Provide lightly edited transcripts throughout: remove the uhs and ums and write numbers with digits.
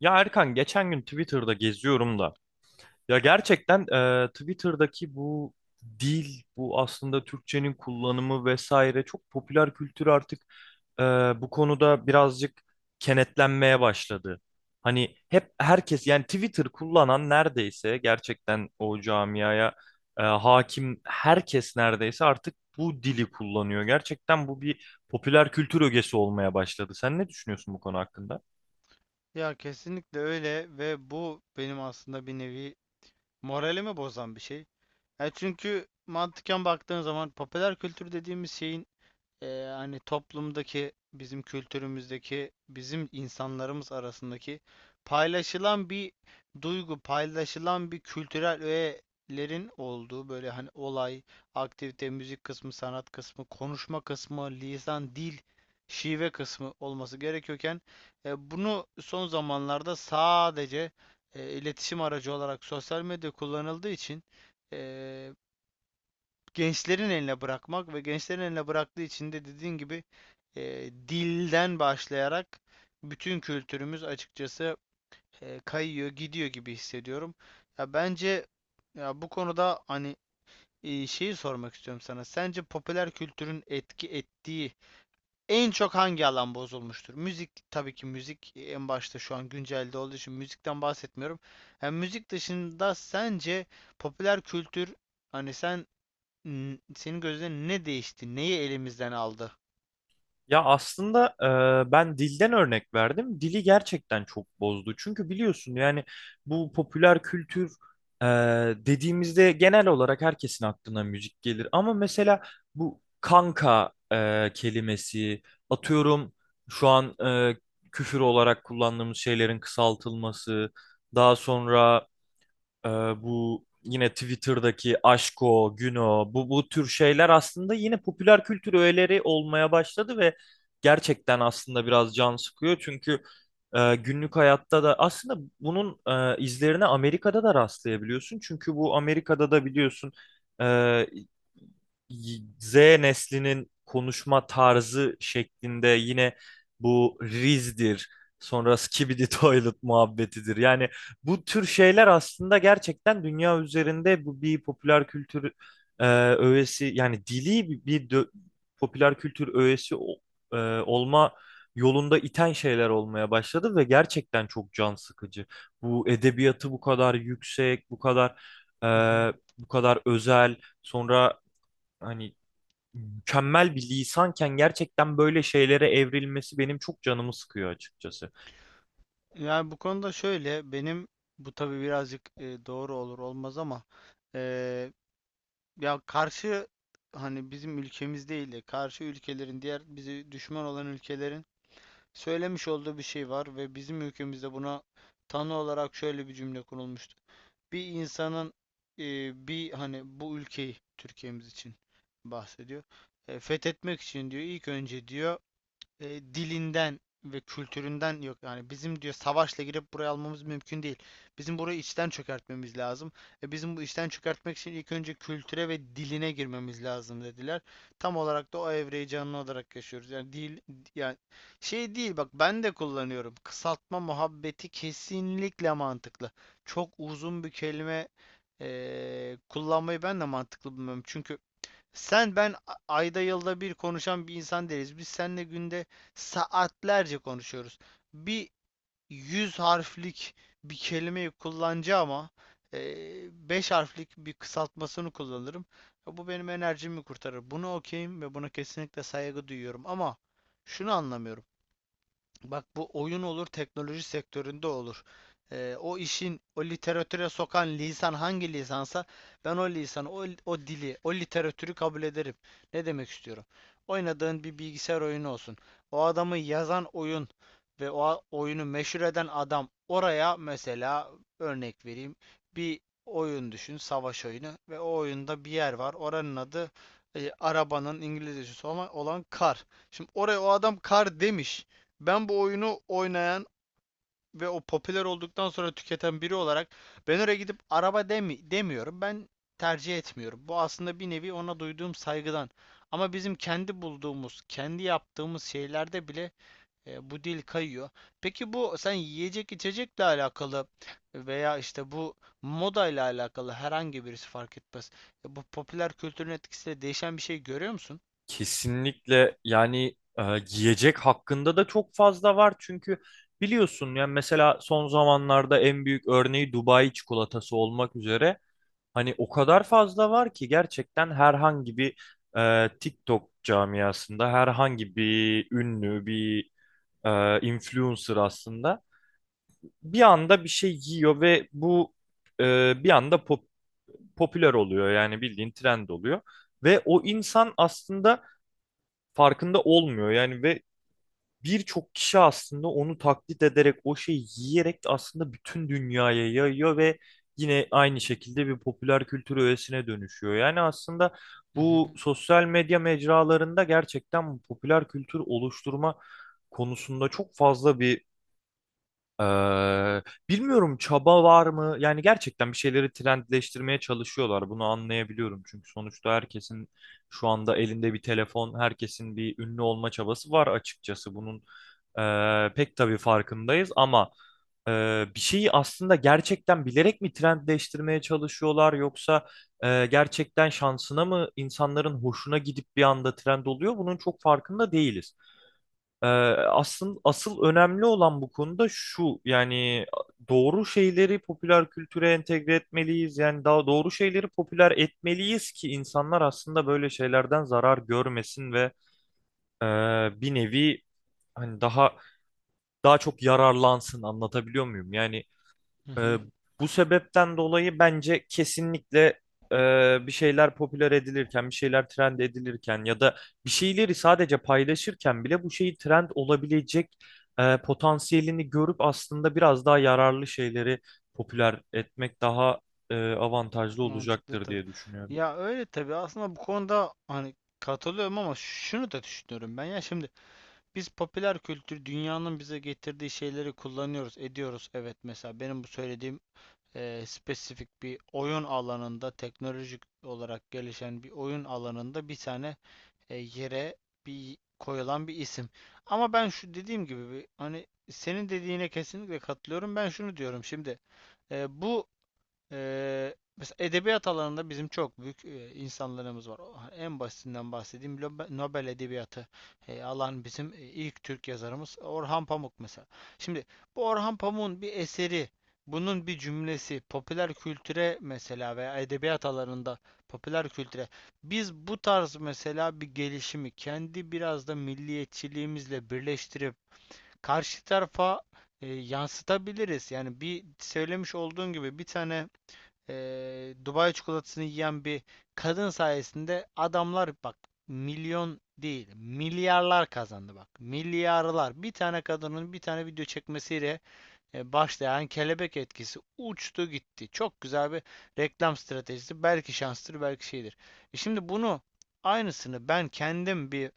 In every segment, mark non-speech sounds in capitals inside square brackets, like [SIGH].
Ya Erkan geçen gün Twitter'da geziyorum da ya gerçekten Twitter'daki bu dil, bu aslında Türkçenin kullanımı vesaire çok popüler kültür artık e, bu konuda birazcık kenetlenmeye başladı. Hani hep herkes yani Twitter kullanan neredeyse gerçekten o camiaya hakim herkes neredeyse artık bu dili kullanıyor. Gerçekten bu bir popüler kültür ögesi olmaya başladı. Sen ne düşünüyorsun bu konu hakkında? Ya kesinlikle öyle ve bu benim aslında bir nevi moralimi bozan bir şey. Çünkü mantıken baktığın zaman popüler kültür dediğimiz şeyin e, hani toplumdaki bizim kültürümüzdeki bizim insanlarımız arasındaki paylaşılan bir duygu, paylaşılan bir kültürel öğelerin olduğu böyle hani olay, aktivite, müzik kısmı, sanat kısmı, konuşma kısmı, lisan, dil, şive kısmı olması gerekiyorken bunu son zamanlarda sadece iletişim aracı olarak sosyal medya kullanıldığı için e, gençlerin eline bırakmak ve gençlerin eline bıraktığı için de dediğin gibi dilden başlayarak bütün kültürümüz açıkçası kayıyor, gidiyor gibi hissediyorum. Ya bence ya bu konuda hani şeyi sormak istiyorum sana. Sence popüler kültürün etki ettiği en çok hangi alan bozulmuştur? Müzik, tabii ki müzik en başta şu an güncelde olduğu için müzikten bahsetmiyorum. Yani müzik dışında sence popüler kültür hani sen senin gözlerin ne değişti? Neyi elimizden aldı? Ya aslında ben dilden örnek verdim. Dili gerçekten çok bozdu. Çünkü biliyorsun yani bu popüler kültür e, dediğimizde genel olarak herkesin aklına müzik gelir. Ama mesela bu kanka kelimesi atıyorum şu an küfür olarak kullandığımız şeylerin kısaltılması. Daha sonra ee, bu yine Twitter'daki Aşko, Güno bu tür şeyler aslında yine popüler kültür öğeleri olmaya başladı ve gerçekten aslında biraz can sıkıyor. Çünkü günlük hayatta da aslında bunun izlerine Amerika'da da rastlayabiliyorsun. Çünkü bu Amerika'da da biliyorsun e, Z neslinin konuşma tarzı şeklinde yine bu Riz'dir, sonra Skibidi [LAUGHS] Toilet muhabbetidir. Yani bu tür şeyler aslında gerçekten dünya üzerinde bu bir popüler kültür e, öğesi yani dili popüler kültür e, olma yolunda iten şeyler olmaya başladı ve gerçekten çok can sıkıcı. Bu edebiyatı bu kadar yüksek, bu kadar e, Hı hı. bu kadar özel, sonra hani mükemmel bir lisanken gerçekten böyle şeylere evrilmesi benim çok canımı sıkıyor açıkçası. Yani bu konuda şöyle benim bu tabii birazcık doğru olur olmaz ama e, ya karşı hani bizim ülkemiz değil de karşı ülkelerin diğer bizi düşman olan ülkelerin söylemiş olduğu bir şey var ve bizim ülkemizde buna tanı olarak şöyle bir cümle kurulmuştu. Bir insanın e, bir hani bu ülkeyi Türkiye'miz için bahsediyor. Fethetmek için diyor, ilk önce diyor dilinden ve kültüründen, yok yani bizim diyor savaşla girip buraya almamız mümkün değil. Bizim burayı içten çökertmemiz lazım. Bizim bu içten çökertmek için ilk önce kültüre ve diline girmemiz lazım dediler. Tam olarak da o evreyi canlı olarak yaşıyoruz. Yani dil, yani şey değil, bak ben de kullanıyorum. Kısaltma muhabbeti kesinlikle mantıklı. Çok uzun bir kelime kullanmayı ben de mantıklı bulmuyorum. Çünkü sen ben ayda yılda bir konuşan bir insan değiliz. Biz seninle günde saatlerce konuşuyoruz. Bir yüz harflik bir kelimeyi kullanacağım ama beş harflik bir kısaltmasını kullanırım. Bu benim enerjimi kurtarır. Bunu okeyim ve buna kesinlikle saygı duyuyorum. Ama şunu anlamıyorum. Bak bu oyun olur, teknoloji sektöründe olur. O işin, o literatüre sokan lisan hangi lisansa ben o lisanı, o dili, o literatürü kabul ederim. Ne demek istiyorum? Oynadığın bir bilgisayar oyunu olsun. O adamı yazan oyun ve o oyunu meşhur eden adam oraya mesela örnek vereyim. Bir oyun düşün, savaş oyunu ve o oyunda bir yer var. Oranın adı arabanın İngilizcesi olan, kar. Şimdi oraya o adam kar demiş. Ben bu oyunu oynayan ve o popüler olduktan sonra tüketen biri olarak ben oraya gidip araba demiyorum. Ben tercih etmiyorum. Bu aslında bir nevi ona duyduğum saygıdan. Ama bizim kendi bulduğumuz, kendi yaptığımız şeylerde bile bu dil kayıyor. Peki bu sen yiyecek içecekle alakalı veya işte bu modayla alakalı herhangi birisi fark etmez. Bu popüler kültürün etkisiyle değişen bir şey görüyor musun? Kesinlikle yani giyecek hakkında da çok fazla var çünkü biliyorsun yani mesela son zamanlarda en büyük örneği Dubai çikolatası olmak üzere hani o kadar fazla var ki gerçekten herhangi bir TikTok camiasında herhangi bir ünlü bir influencer aslında bir anda bir şey giyiyor ve bu bir anda popüler oluyor yani bildiğin trend oluyor ve o insan aslında farkında olmuyor yani ve birçok kişi aslında onu taklit ederek o şeyi yiyerek aslında bütün dünyaya yayıyor ve yine aynı şekilde bir popüler kültür öğesine dönüşüyor. Yani aslında Hı hı. bu sosyal medya mecralarında gerçekten bu popüler kültür oluşturma konusunda çok fazla bir Eee, bilmiyorum çaba var mı? Yani gerçekten bir şeyleri trendleştirmeye çalışıyorlar. Bunu anlayabiliyorum. Çünkü sonuçta herkesin şu anda elinde bir telefon, herkesin bir ünlü olma çabası var açıkçası. Bunun pek tabii farkındayız ama bir şeyi aslında gerçekten bilerek mi trendleştirmeye çalışıyorlar yoksa gerçekten şansına mı insanların hoşuna gidip bir anda trend oluyor? Bunun çok farkında değiliz. Ee, asıl önemli olan bu konuda şu yani doğru şeyleri popüler kültüre entegre etmeliyiz yani daha doğru şeyleri popüler etmeliyiz ki insanlar aslında böyle şeylerden zarar görmesin ve e, bir nevi hani daha çok yararlansın anlatabiliyor muyum? Yani Hı ee, hı. bu sebepten dolayı bence kesinlikle bir şeyler popüler edilirken, bir şeyler trend edilirken ya da bir şeyleri sadece paylaşırken bile bu şeyi trend olabilecek potansiyelini görüp aslında biraz daha yararlı şeyleri popüler etmek daha avantajlı Mantıklı olacaktır tabii. diye düşünüyorum. Ya öyle tabii aslında bu konuda hani katılıyorum ama şunu da düşünüyorum ben, ya şimdi biz popüler kültür dünyanın bize getirdiği şeyleri kullanıyoruz, ediyoruz, evet, mesela benim bu söylediğim spesifik bir oyun alanında teknolojik olarak gelişen bir oyun alanında bir tane yere bir koyulan bir isim ama ben şu dediğim gibi bir, hani senin dediğine kesinlikle katılıyorum, ben şunu diyorum şimdi e, bu mesela edebiyat alanında bizim çok büyük insanlarımız var. En basitinden bahsedeyim. Nobel Edebiyatı alan bizim ilk Türk yazarımız Orhan Pamuk mesela. Şimdi bu Orhan Pamuk'un bir eseri, bunun bir cümlesi popüler kültüre mesela veya edebiyat alanında popüler kültüre biz bu tarz mesela bir gelişimi kendi biraz da milliyetçiliğimizle birleştirip karşı tarafa yansıtabiliriz. Yani bir söylemiş olduğun gibi bir tane Dubai çikolatasını yiyen bir kadın sayesinde adamlar bak milyon değil milyarlar kazandı, bak. Milyarlar. Bir tane kadının bir tane video çekmesiyle başlayan kelebek etkisi uçtu gitti. Çok güzel bir reklam stratejisi. Belki şanstır, belki şeydir. Şimdi bunu aynısını ben kendim bir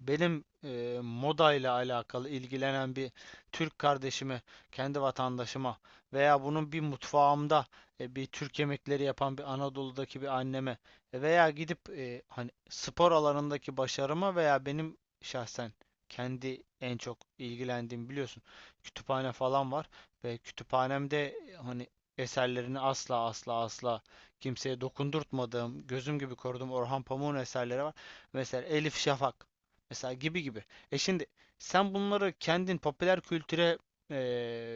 benim moda ile alakalı ilgilenen bir Türk kardeşime, kendi vatandaşıma veya bunun bir mutfağımda bir Türk yemekleri yapan bir Anadolu'daki bir anneme veya gidip hani spor alanındaki başarıma veya benim şahsen kendi en çok ilgilendiğim, biliyorsun, kütüphane falan var ve kütüphanemde hani eserlerini asla asla asla kimseye dokundurtmadığım, gözüm gibi koruduğum Orhan Pamuk'un eserleri var. Mesela Elif Şafak. Mesela gibi gibi. Şimdi sen bunları kendin popüler kültüre e,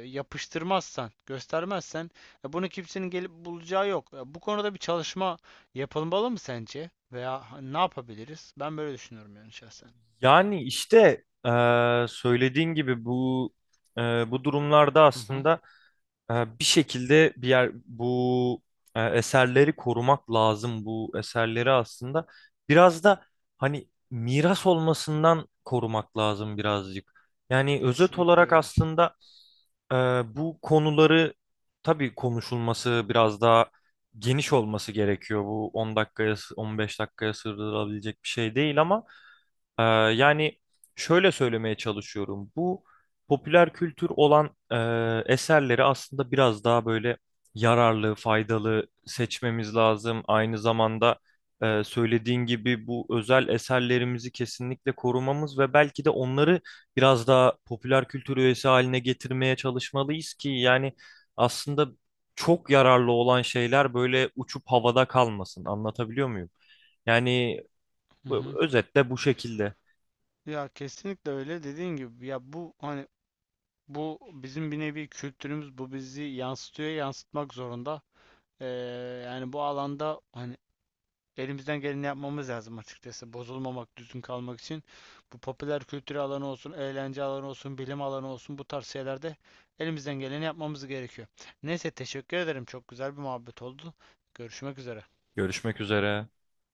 yapıştırmazsan, göstermezsen bunu kimsenin gelip bulacağı yok. Bu konuda bir çalışma yapılmalı mı sence? Veya ne yapabiliriz? Ben böyle düşünüyorum yani şahsen. Yani işte söylediğin gibi bu e, bu durumlarda Hı hı. aslında. Bir şekilde bir yer bu eserleri korumak lazım bu eserleri aslında biraz da hani miras olmasından korumak lazım birazcık. Yani özet Kesinlikle olarak öyle. aslında e, bu konuları tabii konuşulması biraz daha geniş olması gerekiyor. Bu 10 dakikaya 15 dakikaya sığdırılabilecek bir şey değil ama yani şöyle söylemeye çalışıyorum. Bu popüler kültür olan eserleri aslında biraz daha böyle yararlı, faydalı seçmemiz lazım. Aynı zamanda söylediğin gibi bu özel eserlerimizi kesinlikle korumamız ve belki de onları biraz daha popüler kültür üyesi haline getirmeye çalışmalıyız ki yani aslında çok yararlı olan şeyler böyle uçup havada kalmasın. Anlatabiliyor muyum? Yani Hı hı. Özetle bu şekilde. Ya kesinlikle öyle dediğin gibi, ya bu hani bu bizim bir nevi kültürümüz, bu bizi yansıtıyor, yansıtmak zorunda. E, yani bu alanda hani elimizden geleni yapmamız lazım açıkçası. Bozulmamak, düzgün kalmak için. Bu popüler kültür alanı olsun, eğlence alanı olsun, bilim alanı olsun, bu tarz şeylerde elimizden geleni yapmamız gerekiyor. Neyse, teşekkür ederim. Çok güzel bir muhabbet oldu. Görüşmek üzere. Görüşmek üzere.